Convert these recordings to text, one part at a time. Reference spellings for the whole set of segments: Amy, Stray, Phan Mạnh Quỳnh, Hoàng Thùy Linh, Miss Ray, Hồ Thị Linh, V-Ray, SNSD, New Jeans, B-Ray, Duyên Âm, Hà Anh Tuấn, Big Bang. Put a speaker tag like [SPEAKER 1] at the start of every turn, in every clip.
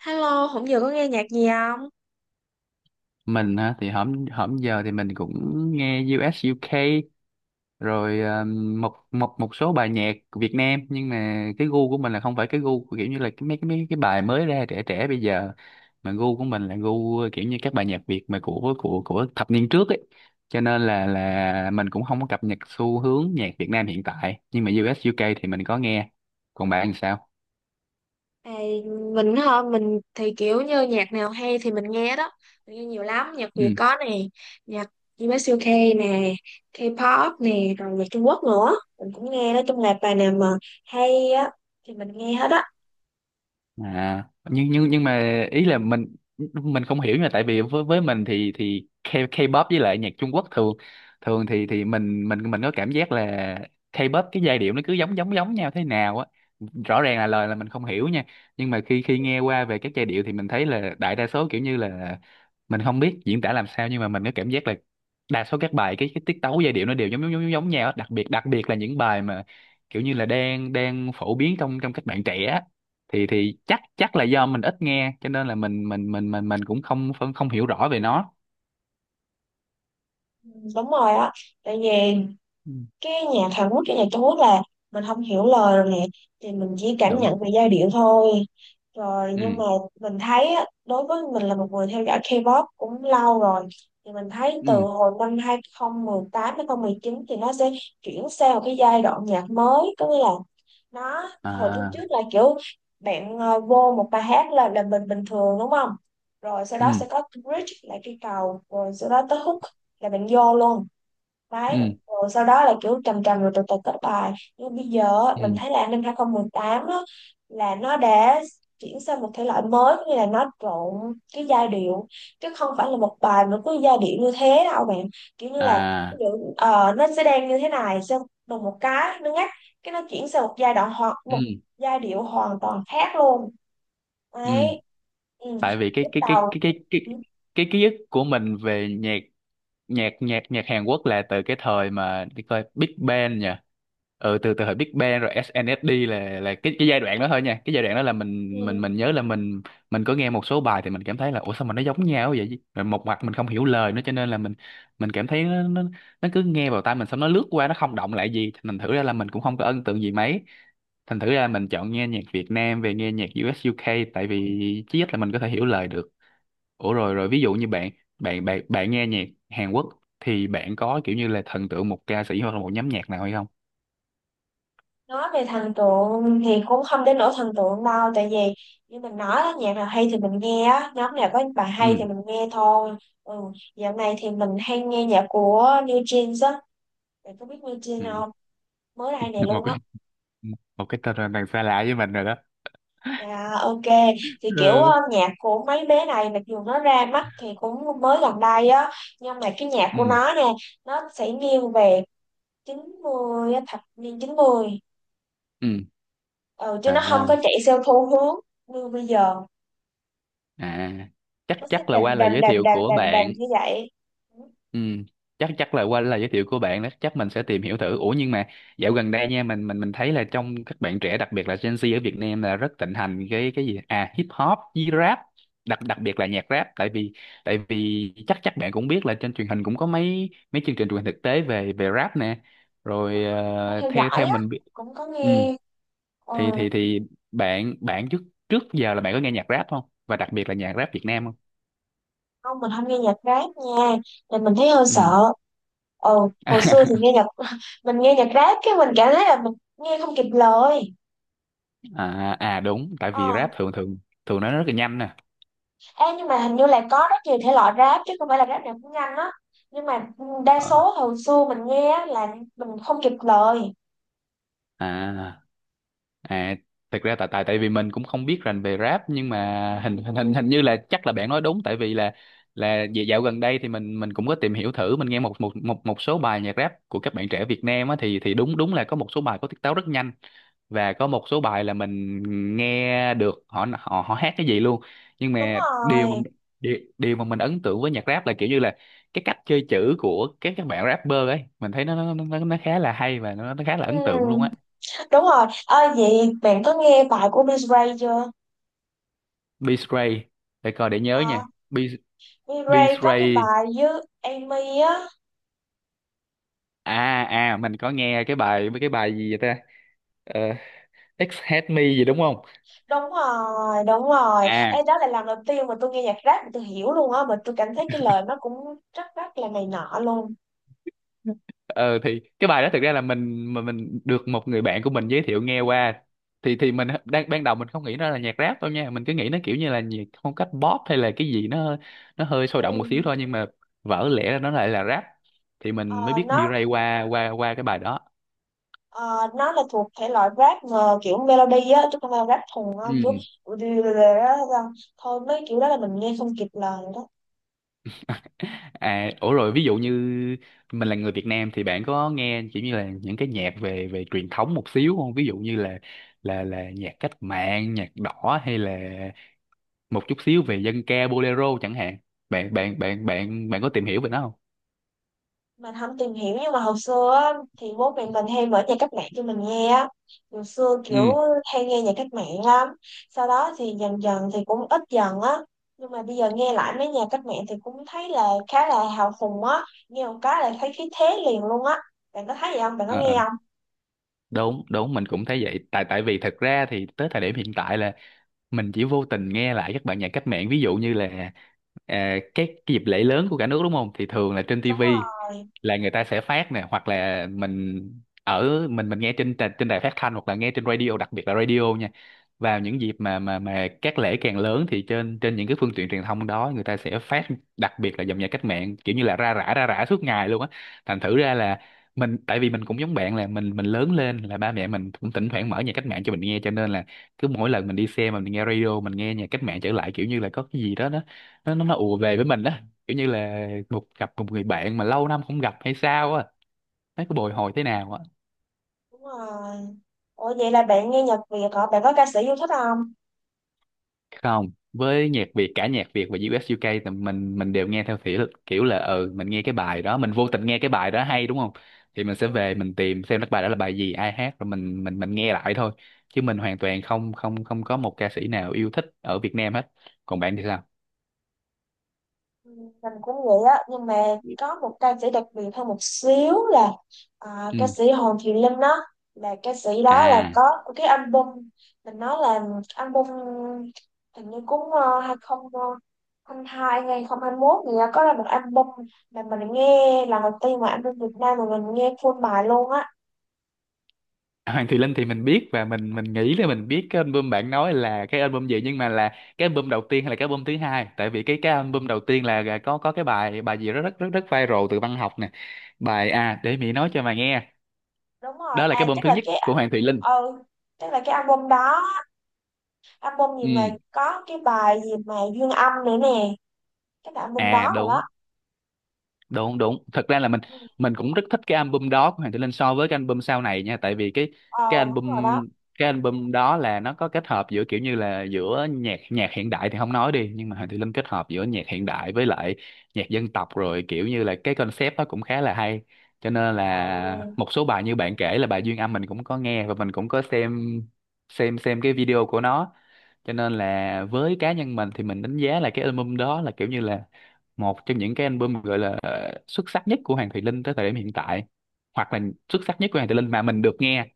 [SPEAKER 1] Hello, hôm giờ có nghe nhạc gì không?
[SPEAKER 2] Mình á thì hổm hổm giờ thì mình cũng nghe U.S. UK rồi một một một số bài nhạc của Việt Nam, nhưng mà cái gu của mình là không phải cái gu của kiểu như là cái mấy cái mấy cái bài mới ra trẻ trẻ bây giờ, mà gu của mình là gu kiểu như các bài nhạc Việt mà của thập niên trước ấy. Cho nên là mình cũng không có cập nhật xu hướng nhạc Việt Nam hiện tại, nhưng mà U.S. UK thì mình có nghe. Còn bạn thì sao?
[SPEAKER 1] À, mình hả? Mình thì kiểu như nhạc nào hay thì mình nghe đó. Mình nghe nhiều lắm, nhạc Việt
[SPEAKER 2] Ừ.
[SPEAKER 1] có nè, nhạc US UK nè, K-pop nè, rồi nhạc Trung Quốc nữa. Mình cũng nghe đó, trong là bài nào mà hay á thì mình nghe hết á.
[SPEAKER 2] À, nhưng mà ý là mình không hiểu. Nhưng mà tại vì với mình thì K-pop với lại nhạc Trung Quốc thường, thường thì mình có cảm giác là K-pop cái giai điệu nó cứ giống giống giống nhau thế nào á. Rõ ràng là lời là mình không hiểu nha, nhưng mà khi khi nghe qua về các giai điệu thì mình thấy là đại đa số kiểu như là, mình không biết diễn tả làm sao, nhưng mà mình có cảm giác là đa số các bài cái tiết tấu giai điệu nó đều giống giống giống giống nhau á. Đặc biệt là những bài mà kiểu như là đang đang phổ biến trong trong các bạn trẻ, thì chắc chắc là do mình ít nghe, cho nên là mình cũng không không không hiểu rõ về nó.
[SPEAKER 1] Ừ, đúng rồi á. Tại vì
[SPEAKER 2] Ừ,
[SPEAKER 1] cái nhạc Hàn Quốc cái nhạc Trung Quốc là mình không hiểu lời rồi nè, thì mình chỉ cảm
[SPEAKER 2] đúng.
[SPEAKER 1] nhận về giai điệu thôi. Rồi
[SPEAKER 2] Ừ.
[SPEAKER 1] nhưng mà mình thấy á, đối với mình là một người theo dõi K-pop cũng lâu rồi, thì mình thấy
[SPEAKER 2] Ừ.
[SPEAKER 1] từ hồi năm 2018 chín thì nó sẽ chuyển sang một cái giai đoạn nhạc mới, có nghĩa là nó hồi trước trước
[SPEAKER 2] À.
[SPEAKER 1] là kiểu bạn vô một bài hát là mình bình thường đúng không, rồi sau đó
[SPEAKER 2] Ừ.
[SPEAKER 1] sẽ có bridge là cái cầu, rồi sau đó tới hook là bạn vô luôn đấy,
[SPEAKER 2] Ừ.
[SPEAKER 1] rồi sau đó là kiểu trầm trầm rồi từ từ kết bài. Nhưng bây giờ á, mình
[SPEAKER 2] Ừ.
[SPEAKER 1] thấy là an ninh 2018 á, là nó đã chuyển sang một thể loại mới, cũng như là nó trộn cái giai điệu, chứ không phải là một bài mà cứ giai điệu như thế đâu bạn. Kiểu như là ví
[SPEAKER 2] À.
[SPEAKER 1] dụ, nó sẽ đang như thế này, xong đùng một cái nó ngắt, cái nó chuyển sang một giai đoạn hoặc
[SPEAKER 2] Ừ.
[SPEAKER 1] một giai điệu hoàn toàn khác luôn
[SPEAKER 2] Ừ.
[SPEAKER 1] đấy. Ừ.
[SPEAKER 2] Tại vì
[SPEAKER 1] Lúc đầu ừ.
[SPEAKER 2] cái ký ức của mình về nhạc nhạc nhạc nhạc Hàn Quốc là từ cái thời mà đi coi Big Bang nhỉ. Ừ, từ từ thời Big Bang rồi SNSD, là cái giai đoạn đó thôi nha. Cái giai đoạn đó là
[SPEAKER 1] Ừ.
[SPEAKER 2] mình nhớ là mình có nghe một số bài thì mình cảm thấy là ủa sao mà nó giống nhau vậy chứ? Rồi một mặt mình không hiểu lời nữa, cho nên là mình cảm thấy nó cứ nghe vào tai mình xong nó lướt qua, nó không động lại gì. Thành thử ra là mình cũng
[SPEAKER 1] Ừ,
[SPEAKER 2] không có ấn tượng gì mấy. Thành thử ra mình chọn nghe nhạc Việt Nam về, nghe nhạc US UK, tại vì chí ít là mình có thể hiểu lời được. Ủa
[SPEAKER 1] ừ.
[SPEAKER 2] rồi, ví dụ như bạn, bạn nghe nhạc Hàn Quốc thì bạn có kiểu như là thần tượng một ca sĩ hoặc là một nhóm nhạc nào hay không?
[SPEAKER 1] Nói về thần tượng thì cũng không đến nỗi thần tượng đâu, tại vì như mình nói á, nhạc nào hay thì mình nghe á, nhóm nào có bài
[SPEAKER 2] Ừ.
[SPEAKER 1] hay thì mình nghe thôi. Ừ. Dạo này thì mình hay nghe nhạc của New Jeans á. Bạn có biết New Jeans
[SPEAKER 2] Ừ.
[SPEAKER 1] không? Mới đây này
[SPEAKER 2] một
[SPEAKER 1] luôn á.
[SPEAKER 2] cái một cái tên là đằng xa lạ với mình rồi đó.
[SPEAKER 1] À, ok, thì kiểu
[SPEAKER 2] Ừ.
[SPEAKER 1] nhạc của mấy bé này mặc dù nó ra mắt thì cũng mới gần đây á, nhưng mà cái nhạc
[SPEAKER 2] Ừ.
[SPEAKER 1] của nó nè nó sẽ nghiêng về 90 á, thập niên 90.
[SPEAKER 2] Ừ.
[SPEAKER 1] Ừ, chứ nó không có
[SPEAKER 2] À.
[SPEAKER 1] chạy theo xu hướng như bây giờ.
[SPEAKER 2] À, chắc
[SPEAKER 1] Nó sẽ
[SPEAKER 2] chắc là
[SPEAKER 1] đành
[SPEAKER 2] qua lời
[SPEAKER 1] đành
[SPEAKER 2] giới
[SPEAKER 1] đành
[SPEAKER 2] thiệu
[SPEAKER 1] đành
[SPEAKER 2] của
[SPEAKER 1] đành đành
[SPEAKER 2] bạn.
[SPEAKER 1] như vậy. Cũng
[SPEAKER 2] Ừ, chắc chắc là qua lời giới thiệu của bạn đó, chắc mình sẽ tìm hiểu thử. Ủa, nhưng mà dạo gần đây nha, mình thấy là trong các bạn trẻ, đặc biệt là Gen Z ở Việt Nam, là rất thịnh hành cái gì à, hip hop với rap. Đặc đặc biệt là nhạc rap, tại vì, tại vì chắc chắc bạn cũng biết là trên truyền hình cũng có mấy mấy chương trình truyền hình thực tế về về rap nè, rồi
[SPEAKER 1] có theo
[SPEAKER 2] theo
[SPEAKER 1] dõi
[SPEAKER 2] theo
[SPEAKER 1] á,
[SPEAKER 2] mình biết.
[SPEAKER 1] cũng có
[SPEAKER 2] Ừ,
[SPEAKER 1] nghe. Ừ.
[SPEAKER 2] thì thì bạn, trước, trước giờ là bạn có nghe nhạc rap không, và đặc biệt là nhạc rap Việt Nam không?
[SPEAKER 1] Không, mình không nghe nhạc rap nha, thì mình thấy hơi
[SPEAKER 2] Ừ.
[SPEAKER 1] sợ. Ồ, hồi xưa thì nghe nhạc mình nghe nhạc rap cái mình cảm thấy là mình nghe không kịp lời.
[SPEAKER 2] À, à đúng, tại vì
[SPEAKER 1] ờ
[SPEAKER 2] rap thường, thường nó rất là nhanh nè.
[SPEAKER 1] Ê, nhưng mà hình như là có rất nhiều thể loại rap, chứ không phải là rap nào cũng nhanh á. Nhưng mà đa
[SPEAKER 2] Ờ.
[SPEAKER 1] số hồi xưa mình nghe á là mình không kịp lời.
[SPEAKER 2] À. À, thực ra tại, tại vì mình cũng không biết rành về rap, nhưng mà hình hình hình hình như là chắc là bạn nói đúng. Tại vì là dạo dạo gần đây thì mình cũng có tìm hiểu thử, mình nghe một một một một số bài nhạc rap của các bạn trẻ Việt Nam á, thì đúng, đúng là có một số bài có tiết tấu rất nhanh, và có một số bài là mình nghe được họ họ họ hát cái gì luôn. Nhưng
[SPEAKER 1] Đúng
[SPEAKER 2] mà điều mà,
[SPEAKER 1] rồi.
[SPEAKER 2] điều mà mình ấn tượng với nhạc rap là kiểu như là cái cách chơi chữ của các bạn rapper ấy, mình thấy nó khá là hay, và nó khá là ấn tượng luôn
[SPEAKER 1] Ừ,
[SPEAKER 2] á.
[SPEAKER 1] đúng rồi ơi, vậy bạn có nghe bài của Miss Ray chưa?
[SPEAKER 2] B Stray, để coi để nhớ
[SPEAKER 1] Ờ,
[SPEAKER 2] nha. B B
[SPEAKER 1] V-Ray có cái
[SPEAKER 2] Stray.
[SPEAKER 1] bài với Amy á.
[SPEAKER 2] À. À, mình có nghe cái bài, cái bài gì vậy ta? Ờ, X Hate Me gì đúng không?
[SPEAKER 1] Đúng rồi, đúng rồi.
[SPEAKER 2] À,
[SPEAKER 1] Ê, đó là lần đầu tiên mà tôi nghe nhạc rap mà tôi hiểu luôn á, mà tôi cảm thấy cái lời nó cũng rất rất là này nọ luôn.
[SPEAKER 2] ờ, thì cái bài đó thực ra là mình, mà mình được một người bạn của mình giới thiệu nghe qua, thì mình đang, ban đầu mình không nghĩ nó là nhạc rap đâu nha, mình cứ nghĩ nó kiểu như là nhạc phong cách pop hay là cái gì, nó hơi
[SPEAKER 1] Ừ.
[SPEAKER 2] sôi động một xíu thôi. Nhưng mà vỡ lẽ ra nó lại là rap, thì mình mới
[SPEAKER 1] Ờ,
[SPEAKER 2] biết
[SPEAKER 1] nó
[SPEAKER 2] B-Ray qua qua qua cái bài đó.
[SPEAKER 1] ờ, nó là thuộc thể loại rap mà kiểu melody á, chứ không phải rap thùng á. Kiểu
[SPEAKER 2] Ừ.
[SPEAKER 1] thôi mấy kiểu đó là mình nghe không kịp lời.
[SPEAKER 2] À, ủa rồi ví dụ như mình là người Việt Nam, thì bạn có nghe kiểu như là những cái nhạc về về truyền thống một xíu không? Ví dụ như là, là nhạc cách mạng, nhạc đỏ, hay là một chút xíu về dân ca, bolero chẳng hạn. Bạn bạn bạn bạn bạn có tìm hiểu về nó không?
[SPEAKER 1] Mình không tìm hiểu, nhưng mà hồi xưa á, thì bố mẹ mình hay mở nhạc cách mạng cho mình nghe á. Hồi xưa
[SPEAKER 2] Ừ.
[SPEAKER 1] kiểu hay nghe nhạc cách mạng lắm. Sau đó thì dần dần thì cũng ít dần á. Nhưng mà bây giờ nghe lại mấy nhạc cách mạng thì cũng thấy là khá là hào hùng á. Nghe một cái là thấy khí thế liền luôn á. Bạn có thấy vậy không, bạn có
[SPEAKER 2] Ờ. Ờ,
[SPEAKER 1] nghe không?
[SPEAKER 2] đúng, đúng mình cũng thấy vậy. Tại, vì thật ra thì tới thời điểm hiện tại là mình chỉ vô tình nghe lại các bạn nhạc cách mạng, ví dụ như là, à, các cái dịp lễ lớn của cả nước, đúng không, thì thường là trên
[SPEAKER 1] Đúng
[SPEAKER 2] tivi
[SPEAKER 1] rồi,
[SPEAKER 2] là người ta sẽ phát nè, hoặc là ở mình nghe trên trên đài phát thanh, hoặc là nghe trên radio, đặc biệt là radio nha. Vào những dịp mà mà các lễ càng lớn thì trên trên những cái phương tiện truyền thông đó người ta sẽ phát, đặc biệt là dòng nhạc cách mạng, kiểu như là ra rã suốt ngày luôn á. Thành thử ra là mình, tại vì mình cũng giống bạn, là mình lớn lên là ba mẹ mình cũng thỉnh thoảng mở nhạc cách mạng cho mình nghe, cho nên là cứ mỗi lần mình đi xe mà mình nghe radio, mình nghe nhạc cách mạng trở lại, kiểu như là có cái gì đó nó, nó ùa về với mình đó, kiểu như là một, gặp một người bạn mà lâu năm không gặp hay sao á, thấy có bồi hồi thế nào á.
[SPEAKER 1] đúng rồi. Ủa vậy là bạn nghe nhạc Việt hả, bạn có ca sĩ yêu thích không?
[SPEAKER 2] Không, với nhạc Việt, cả nhạc Việt và US UK, thì mình đều nghe theo kiểu, là ừ, mình nghe cái bài đó, mình vô tình nghe cái bài đó hay, đúng không, thì mình sẽ về mình tìm xem cái bài đó là bài gì, ai hát, rồi mình nghe lại thôi. Chứ mình hoàn toàn không không không có một ca sĩ nào yêu thích ở Việt Nam hết. Còn bạn thì sao?
[SPEAKER 1] Ừ, mình cũng vậy á, nhưng mà có một ca sĩ đặc biệt hơn một xíu là, à,
[SPEAKER 2] Ừ.
[SPEAKER 1] ca sĩ Hồ Thị Linh đó. Là ca sĩ đó là
[SPEAKER 2] À,
[SPEAKER 1] có cái album, mình nói là album hình như cũng 2022 hay 2021 thì có ra một album, mà mình nghe lần đầu tiên mà album Việt Nam mà mình nghe full bài luôn á.
[SPEAKER 2] Hoàng Thùy Linh thì mình biết, và mình nghĩ là mình biết cái album bạn nói là cái album gì, nhưng mà là cái album đầu tiên hay là cái album thứ hai? Tại vì cái album đầu tiên là có cái bài, bài gì rất rất rất rất viral từ văn học nè, bài, à, Để Mỹ nói Cho Mà Nghe.
[SPEAKER 1] Đúng rồi,
[SPEAKER 2] Đó là cái
[SPEAKER 1] à
[SPEAKER 2] album
[SPEAKER 1] chắc
[SPEAKER 2] thứ
[SPEAKER 1] là
[SPEAKER 2] nhất
[SPEAKER 1] cái
[SPEAKER 2] của Hoàng Thùy Linh.
[SPEAKER 1] ừ chắc là cái album đó, album gì
[SPEAKER 2] Ừ.
[SPEAKER 1] mà có cái bài gì mà Duyên Âm nữa nè, cái album
[SPEAKER 2] À,
[SPEAKER 1] đó rồi đó.
[SPEAKER 2] đúng, đúng, đúng, thật ra là
[SPEAKER 1] Ừ.
[SPEAKER 2] mình cũng rất thích cái album đó của Hoàng Tử Linh so với cái album sau này nha. Tại vì cái,
[SPEAKER 1] Ờ
[SPEAKER 2] cái
[SPEAKER 1] đúng rồi đó.
[SPEAKER 2] album cái album đó là nó có kết hợp giữa kiểu như là giữa nhạc, nhạc hiện đại thì không nói đi, nhưng mà Hoàng Tử Linh kết hợp giữa nhạc hiện đại với lại nhạc dân tộc, rồi kiểu như là cái concept đó cũng khá là hay. Cho nên là
[SPEAKER 1] Ừ.
[SPEAKER 2] một số bài như bạn kể là bài Duyên Âm, mình cũng có nghe, và mình cũng có xem, xem cái video của nó. Cho nên là với cá nhân mình thì mình đánh giá là cái album đó là kiểu như là một trong những cái album gọi là xuất sắc nhất của Hoàng Thùy Linh tới thời điểm hiện tại, hoặc là xuất sắc nhất của Hoàng Thùy Linh mà mình được nghe.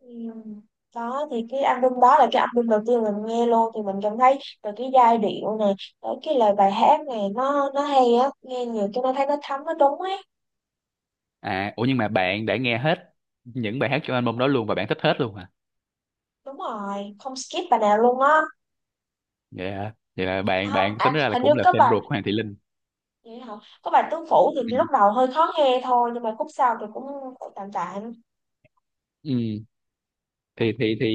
[SPEAKER 1] Ừ. Đó thì cái album đó là cái album đầu tiên mình nghe luôn, thì mình cảm thấy từ cái giai điệu này tới cái lời bài hát này nó hay á, nghe nhiều cái nó thấy nó thấm nó đúng ấy.
[SPEAKER 2] À, ủa nhưng mà bạn đã nghe hết những bài hát trong album đó luôn, và bạn thích hết luôn hả?
[SPEAKER 1] Đúng rồi, không skip bài nào luôn á.
[SPEAKER 2] Vậy hả? Vậy là
[SPEAKER 1] À,
[SPEAKER 2] bạn,
[SPEAKER 1] không,
[SPEAKER 2] tính
[SPEAKER 1] à,
[SPEAKER 2] ra là
[SPEAKER 1] hình như
[SPEAKER 2] cũng là
[SPEAKER 1] có
[SPEAKER 2] fan
[SPEAKER 1] bài,
[SPEAKER 2] ruột của Hoàng Thùy Linh.
[SPEAKER 1] vậy hả, có bài tứ phủ
[SPEAKER 2] Ừ.
[SPEAKER 1] thì lúc đầu hơi khó nghe thôi, nhưng mà khúc sau thì cũng tạm tạm.
[SPEAKER 2] Ừ. Thì thì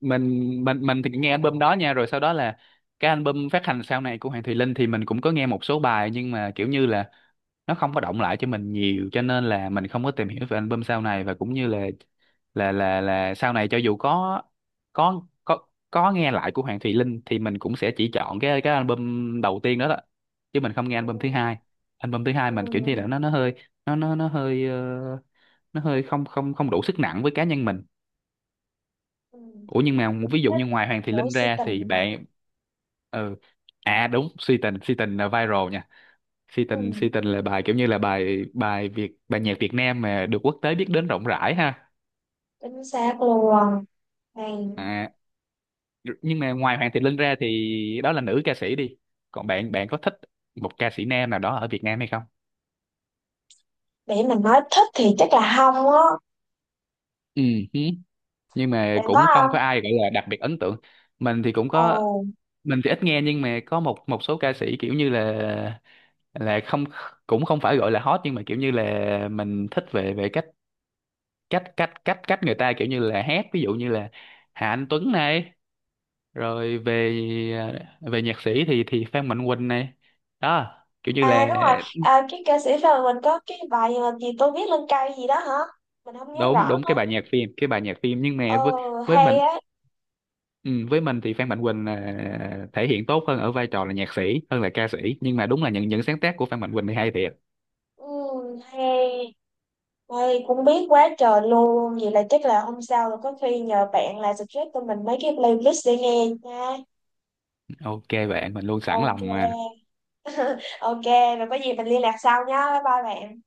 [SPEAKER 2] mình thì nghe album đó nha, rồi sau đó là cái album phát hành sau này của Hoàng Thùy Linh thì mình cũng có nghe một số bài, nhưng mà kiểu như là nó không có động lại cho mình nhiều, cho nên là mình không có tìm hiểu về album sau này, và cũng như là, là sau này cho dù có nghe lại của Hoàng Thùy Linh, thì mình cũng sẽ chỉ chọn cái album đầu tiên đó đó, chứ mình không nghe
[SPEAKER 1] Ừ.
[SPEAKER 2] album thứ hai. Album thứ hai mình kiểu như
[SPEAKER 1] Ừ.
[SPEAKER 2] là nó hơi, nó hơi nó hơi không không không đủ sức nặng với cá nhân mình.
[SPEAKER 1] Ừ. Mình
[SPEAKER 2] Ủa, nhưng mà một, ví dụ như
[SPEAKER 1] thích
[SPEAKER 2] ngoài Hoàng Thị
[SPEAKER 1] mỗi
[SPEAKER 2] Linh
[SPEAKER 1] sự
[SPEAKER 2] ra
[SPEAKER 1] tình
[SPEAKER 2] thì
[SPEAKER 1] hả.
[SPEAKER 2] bạn, ừ, à đúng, Si Tình, Si Tình là viral nha. Si
[SPEAKER 1] Ừ.
[SPEAKER 2] Tình, Si Tình là bài kiểu như là bài, bài Việt, bài nhạc Việt Nam mà được quốc tế biết đến rộng rãi ha.
[SPEAKER 1] Chính xác luôn. Hay.
[SPEAKER 2] À, nhưng mà ngoài Hoàng Thị Linh ra thì đó là nữ ca sĩ đi, còn bạn, bạn có thích một ca sĩ nam nào đó ở Việt Nam hay không?
[SPEAKER 1] Để mình nói thích thì chắc là không á.
[SPEAKER 2] Ừ. Hứ. Nhưng mà
[SPEAKER 1] Bạn có
[SPEAKER 2] cũng không
[SPEAKER 1] không?
[SPEAKER 2] có ai gọi là đặc biệt ấn tượng. Mình thì cũng
[SPEAKER 1] Ồ.
[SPEAKER 2] có. Mình thì ít nghe, nhưng mà có một một số ca sĩ kiểu như là, không, cũng không phải gọi là hot, nhưng mà kiểu như là mình thích về về cách cách cách cách cách người ta kiểu như là hát, ví dụ như là Hà Anh Tuấn này, rồi về về nhạc sĩ thì Phan Mạnh Quỳnh này, đó, kiểu như
[SPEAKER 1] À
[SPEAKER 2] là.
[SPEAKER 1] đúng rồi, à, cái ca sĩ rồi mình có cái bài mà gì tôi viết lên cây gì đó hả? Mình không nhớ
[SPEAKER 2] Đúng,
[SPEAKER 1] rõ
[SPEAKER 2] đúng, cái
[SPEAKER 1] nữa.
[SPEAKER 2] bài nhạc phim, cái bài nhạc phim, nhưng
[SPEAKER 1] Ờ.
[SPEAKER 2] mà với
[SPEAKER 1] Hay
[SPEAKER 2] mình,
[SPEAKER 1] á.
[SPEAKER 2] ừ, với mình thì Phan Mạnh Quỳnh là thể hiện tốt hơn ở vai trò là nhạc sĩ hơn là ca sĩ, nhưng mà đúng là những sáng tác của Phan Mạnh Quỳnh thì hay thiệt.
[SPEAKER 1] Ừ, hay. Ôi, cũng biết quá trời luôn. Vậy là chắc là hôm sau rồi có khi nhờ bạn là suggest cho mình mấy cái playlist để nghe nha.
[SPEAKER 2] OK bạn, mình luôn sẵn
[SPEAKER 1] Ok.
[SPEAKER 2] lòng mà.
[SPEAKER 1] Ok, rồi có gì mình liên lạc sau nha. Bye bye bạn.